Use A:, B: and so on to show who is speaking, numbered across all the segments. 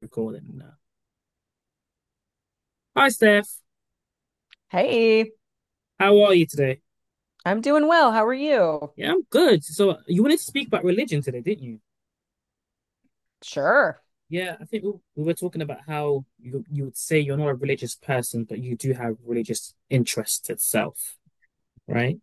A: Recording now. Hi, Steph.
B: Hey,
A: How are you today?
B: I'm doing well. How are you?
A: Yeah, I'm good. So you wanted to speak about religion today, didn't you?
B: Sure.
A: Yeah, I think we were talking about how you would say you're not a religious person, but you do have religious interest itself, right?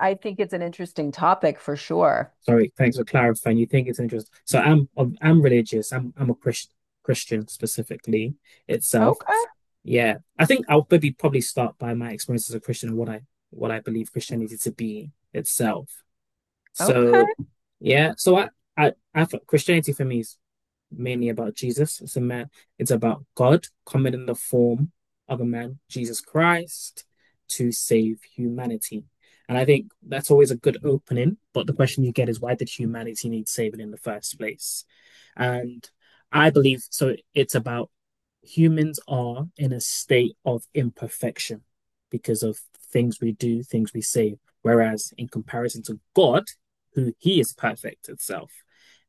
B: I think it's an interesting topic for sure.
A: Sorry, thanks for clarifying. You think it's interest. So I'm religious. I'm a Christian specifically itself.
B: Okay.
A: Yeah, I think I'll maybe probably start by my experience as a Christian and what I believe Christianity to be itself.
B: Okay.
A: So yeah, so I thought Christianity for me is mainly about Jesus. It's a man. It's about God coming in the form of a man, Jesus Christ, to save humanity. And I think that's always a good opening. But the question you get is why did humanity need saving in the first place? And I believe so. It's about humans are in a state of imperfection because of things we do, things we say. Whereas in comparison to God, who he is perfect itself.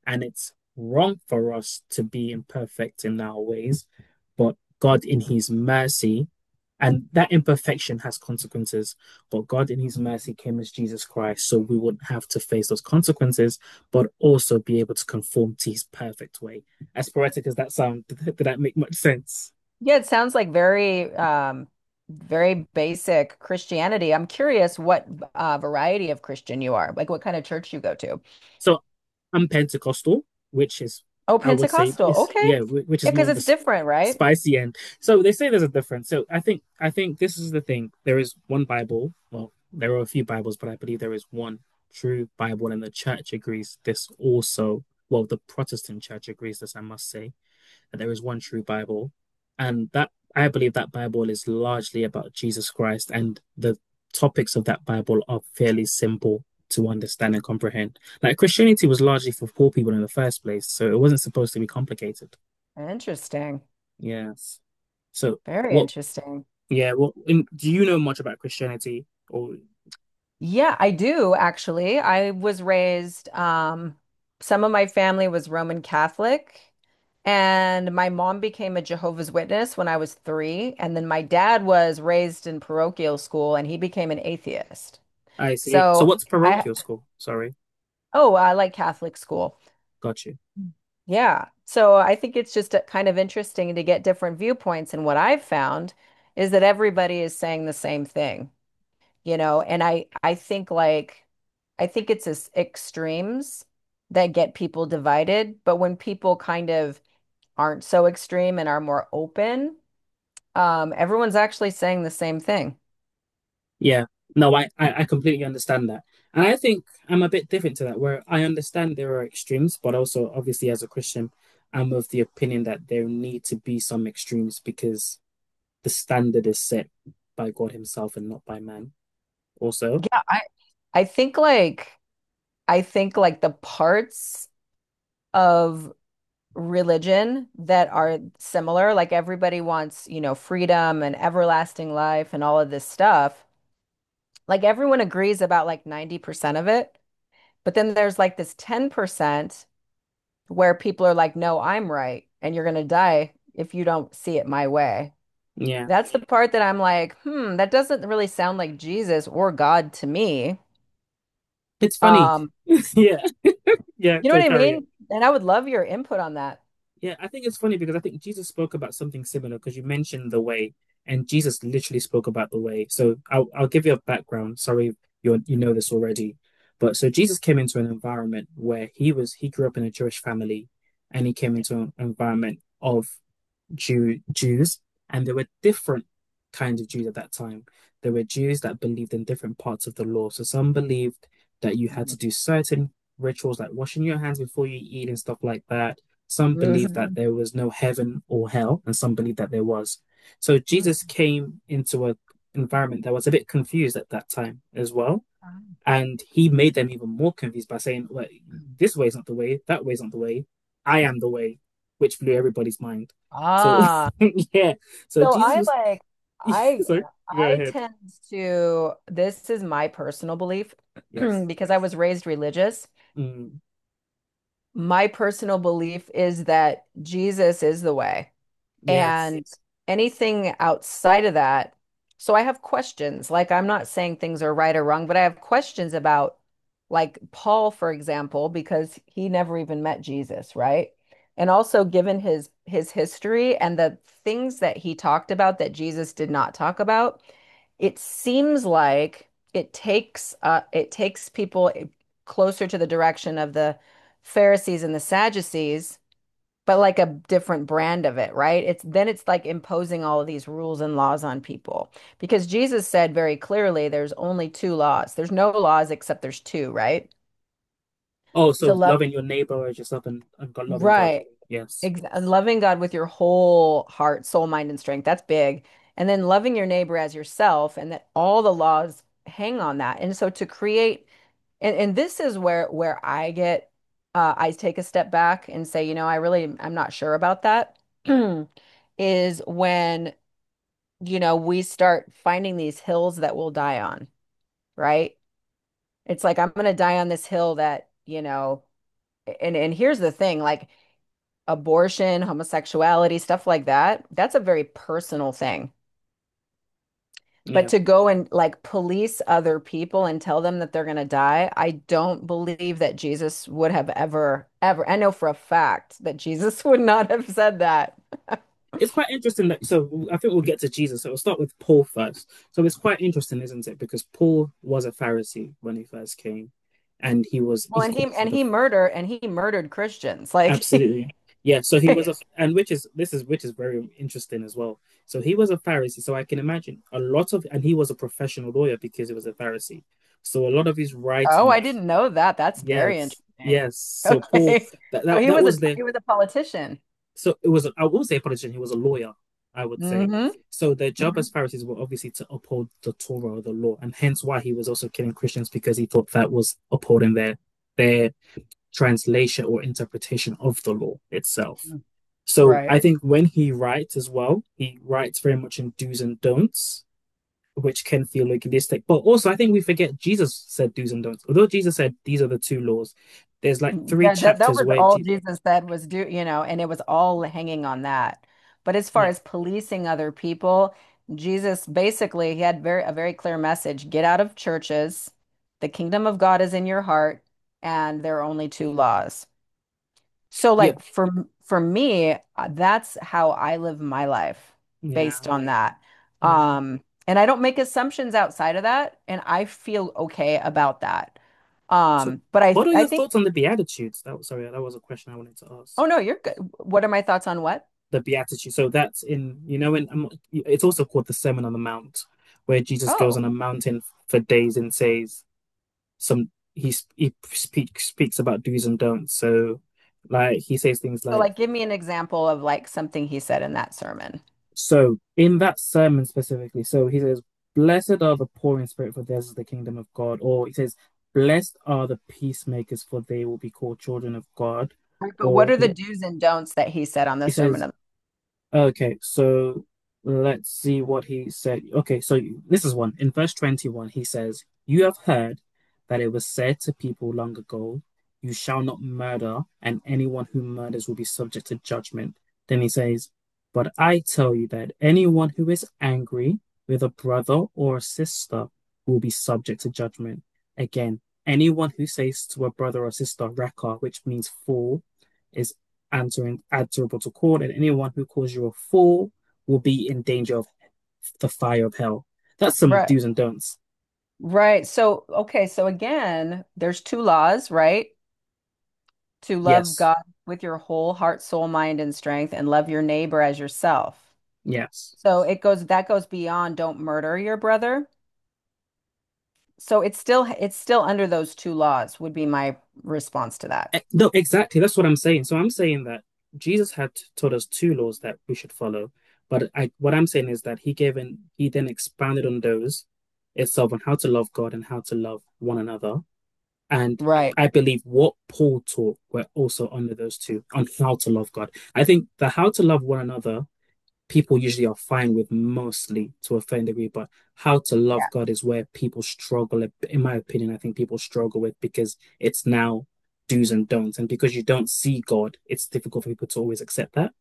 A: And it's wrong for us to be imperfect in our ways, but God in his mercy, and that imperfection has consequences, but God in his mercy came as Jesus Christ, so we wouldn't have to face those consequences, but also be able to conform to his perfect way. As poetic as that sound, did that make much sense?
B: Yeah, it sounds like very very basic Christianity. I'm curious what variety of Christian you are, like what kind of church you go to.
A: So I'm Pentecostal, which is
B: Oh,
A: I would say
B: Pentecostal.
A: is
B: Okay.
A: yeah, which is
B: Yeah,
A: more
B: because
A: on
B: it's
A: the
B: different, right?
A: spicy end. So they say there's a difference. So I think this is the thing. There is one Bible. Well, there are a few Bibles, but I believe there is one true Bible, and the church agrees this also. Well, the Protestant church agrees this, I must say that there is one true Bible, and that I believe that Bible is largely about Jesus Christ, and the topics of that Bible are fairly simple to understand and comprehend. Like Christianity was largely for poor people in the first place, so it wasn't supposed to be complicated.
B: Interesting.
A: Yes. So
B: Very
A: what?
B: interesting.
A: Yeah. What? In, do you know much about Christianity? Or
B: Yeah, I do actually. I was raised, some of my family was Roman Catholic, and my mom became a Jehovah's Witness when I was three. And then my dad was raised in parochial school and he became an atheist.
A: I see. So
B: So
A: what's
B: I,
A: parochial school? Sorry,
B: oh, I like Catholic school.
A: got you.
B: Yeah. So I think it's just kind of interesting to get different viewpoints. And what I've found is that everybody is saying the same thing. And I think like, I think it's as extremes that get people divided, but when people kind of aren't so extreme and are more open, everyone's actually saying the same thing.
A: Yeah. No, I completely understand that. And I think I'm a bit different to that, where I understand there are extremes, but also obviously as a Christian, I'm of the opinion that there need to be some extremes because the standard is set by God Himself and not by man. Also,
B: Yeah, I think like, I think like the parts of religion that are similar. Like everybody wants, freedom and everlasting life and all of this stuff. Like everyone agrees about like 90% of it. But then there's like this 10% where people are like, no, I'm right. And you're going to die if you don't see it my way.
A: yeah.
B: That's the part that I'm like, hmm, that doesn't really sound like Jesus or God to me.
A: It's funny.
B: Um,
A: Yeah, yeah.
B: you know
A: So
B: what I
A: carry on.
B: mean? And I would love your input on that.
A: Yeah, I think it's funny because I think Jesus spoke about something similar because you mentioned the way, and Jesus literally spoke about the way. So I'll give you a background. Sorry, you know this already, but so Jesus came into an environment where he grew up in a Jewish family, and he came into an environment of Jews, and there were different kinds of Jews at that time. There were Jews that believed in different parts of the law. So some believed that you had to do certain rituals like washing your hands before you eat and stuff like that. Some believed that
B: Mhm.
A: there was no heaven or hell, and some believed that there was. So Jesus came into an environment that was a bit confused at that time as well and he made them even more confused by saying, like, this way is not the way, that way is not the way, I am the way, which blew everybody's mind. So,
B: Ah.
A: yeah. So
B: So
A: Jesus
B: I
A: was.
B: like I
A: Sorry, go
B: I
A: ahead.
B: tend to, this is my personal belief
A: Yes.
B: because I was raised religious.
A: Mm,
B: My personal belief is that Jesus is the way.
A: yes.
B: And anything outside of that, so I have questions. Like, I'm not saying things are right or wrong, but I have questions about, like, Paul, for example, because he never even met Jesus, right? And also, given his history and the things that he talked about that Jesus did not talk about, it seems like it takes people closer to the direction of the Pharisees and the Sadducees but like a different brand of it, right? It's then it's like imposing all of these rules and laws on people because Jesus said very clearly there's only two laws. There's no laws except there's two, right?
A: Oh,
B: To
A: so
B: love,
A: loving your neighbor as yourself and God, loving God.
B: right.
A: Yes.
B: Ex loving God with your whole heart, soul, mind, and strength. That's big. And then loving your neighbor as yourself, and that all the laws hang on that. And so to create, and this is where I get I take a step back and say, you know, I really, I'm not sure about that. is when, you know, we start finding these hills that we'll die on, right? It's like I'm going to die on this hill that, you know, and here's the thing, like abortion, homosexuality, stuff like that, that's a very personal thing. But
A: Yeah.
B: to go and like police other people and tell them that they're going to die, I don't believe that Jesus would have ever, ever. I know for a fact that Jesus would not have said that.
A: It's quite interesting that. So I think we'll get to Jesus. So we'll start with Paul first. So it's quite interesting, isn't it? Because Paul was a Pharisee when he first came and he was
B: Well,
A: he
B: and he
A: called
B: and
A: himself the
B: he murder and he murdered Christians. Like
A: Absolutely. Yeah, so he was a
B: Yes.
A: and which is this is which is very interesting as well. So he was a Pharisee, so I can imagine a lot of and he was a professional lawyer because he was a Pharisee. So a lot of his
B: Oh, I
A: writings,
B: didn't know that. That's very
A: yes,
B: interesting.
A: yes. So Paul
B: Okay.
A: that
B: So
A: that, that was the
B: he was a politician.
A: so it was I won't say a politician, he was a lawyer, I would say.
B: Hmm.
A: So their job
B: Hmm.
A: as Pharisees were obviously to uphold the Torah or the law, and hence why he was also killing Christians because he thought that was upholding their translation or interpretation of the law itself. So I
B: Right.
A: think when he writes as well, he writes very much in do's and don'ts, which can feel legalistic. But also, I think we forget Jesus said do's and don'ts. Although Jesus said these are the two laws, there's like three
B: Yeah, that, that
A: chapters
B: was
A: where
B: all
A: Jesus,
B: Jesus said was do, you know, and it was all hanging on that. But as far
A: yeah,
B: as policing other people, Jesus basically, he had very a very clear message. Get out of churches. The kingdom of God is in your heart, and there are only two laws. So
A: yeah,
B: for me, that's how I live my life
A: yeah,
B: based on that.
A: no.
B: And I don't make assumptions outside of that, and I feel okay about that.
A: So,
B: Um, but I
A: what are
B: I
A: your
B: think,
A: thoughts on the Beatitudes? That was, sorry, that was a question I wanted to ask.
B: oh no, you're good. What are my thoughts on what?
A: The Beatitudes. So that's in, you know, in, it's also called the Sermon on the Mount, where Jesus goes
B: Oh,
A: on a mountain for days and says, some he speaks about do's and don'ts. So, like he says things
B: so
A: like,
B: like give me an example of like something he said in that sermon.
A: "So in that sermon specifically, so he says, blessed are the poor in spirit, for theirs is the kingdom of God." Or he says, "Blessed are the peacemakers, for they will be called children of God."
B: Right, but what
A: Or
B: are the
A: he
B: do's and don'ts that he said on the
A: he
B: sermon
A: says,
B: of
A: okay, so let's see what he said. Okay, so this is one. In verse 21, he says, you have heard that it was said to people long ago, you shall not murder, and anyone who murders will be subject to judgment. Then he says, but I tell you that anyone who is angry with a brother or a sister will be subject to judgment. Again, anyone who says to a brother or sister, Reka, which means fool, is and to add to report to court, and anyone who calls you a fool will be in danger of the fire of hell. That's some
B: Right.
A: do's and don'ts.
B: Right. So, okay. So again, there's two laws, right? To love
A: Yes,
B: God with your whole heart, soul, mind, and strength, and love your neighbor as yourself.
A: yes.
B: So it goes, that goes beyond don't murder your brother. So it's still under those two laws would be my response to that.
A: E- No, exactly. That's what I'm saying. So I'm saying that Jesus had taught us two laws that we should follow, but I, what I'm saying is that he gave and he then expanded on those itself on how to love God and how to love one another. And
B: Right.
A: I believe what Paul taught were also under those two on how to love God. I think the how to love one another people usually are fine with mostly to a certain degree, but how to
B: Yeah.
A: love God is where people struggle. In my opinion, I think people struggle with because it's now do's and don'ts. And because you don't see God, it's difficult for people to always accept that.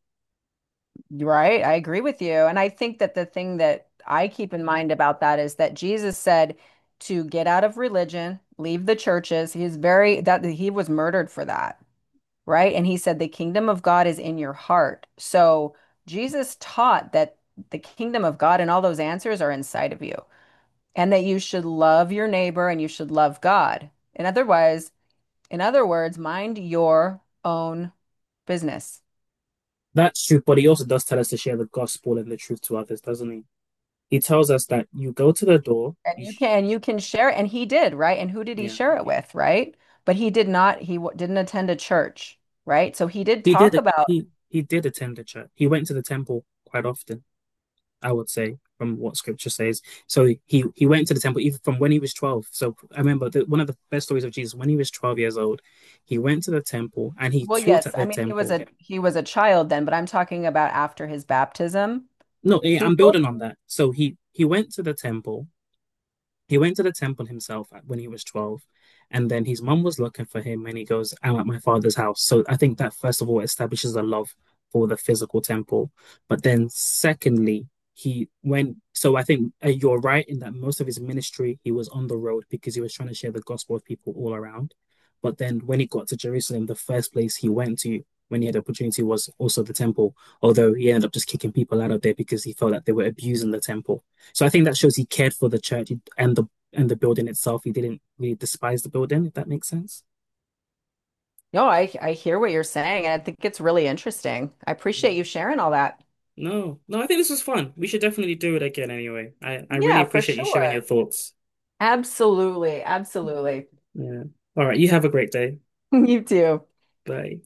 B: Right. I agree with you. And I think that the thing that I keep in mind about that is that Jesus said to get out of religion, leave the churches. He is very, that he was murdered for that. Right? And he said, the kingdom of God is in your heart. So Jesus taught that the kingdom of God and all those answers are inside of you, and that you should love your neighbor and you should love God. And otherwise, in other words, mind your own business.
A: That's true, but he also does tell us to share the gospel and the truth to others, doesn't he? He tells us that you go to the door,
B: And
A: you
B: you
A: sh
B: can you can share it. And he did, right? And who did he
A: yeah.
B: share it with, right? But he did not he w didn't attend a church, right? So he did
A: He did
B: talk
A: it.
B: about,
A: He did attend the church. He went to the temple quite often, I would say, from what scripture says. So he went to the temple even from when he was 12. So I remember the, one of the best stories of Jesus when he was 12 years old, he went to the temple and he
B: well,
A: taught at
B: yes, I
A: the
B: mean
A: temple.
B: he was a child then, but I'm talking about after his baptism.
A: No, eh,
B: He
A: I'm
B: told,
A: building on that. So He went to the temple himself when he was 12, and then his mum was looking for him, and he goes, I'm at my father's house. So I think that, first of all, establishes a love for the physical temple. But then, secondly, he went, so I think you're right in that most of his ministry, he was on the road because he was trying to share the gospel with people all around. But then when he got to Jerusalem, the first place he went to when he had the opportunity was also the temple, although he ended up just kicking people out of there because he felt that they were abusing the temple. So I think that shows he cared for the church and the and the building itself. He didn't really despise the building, if that makes sense.
B: no, I hear what you're saying, and I think it's really interesting. I
A: Yeah.
B: appreciate you sharing all that.
A: No, no, I think this was fun. We should definitely do it again anyway. I really
B: Yeah, for
A: appreciate you sharing your
B: sure.
A: thoughts.
B: Absolutely, absolutely.
A: Yeah. All right, you have a great day.
B: You too.
A: Bye.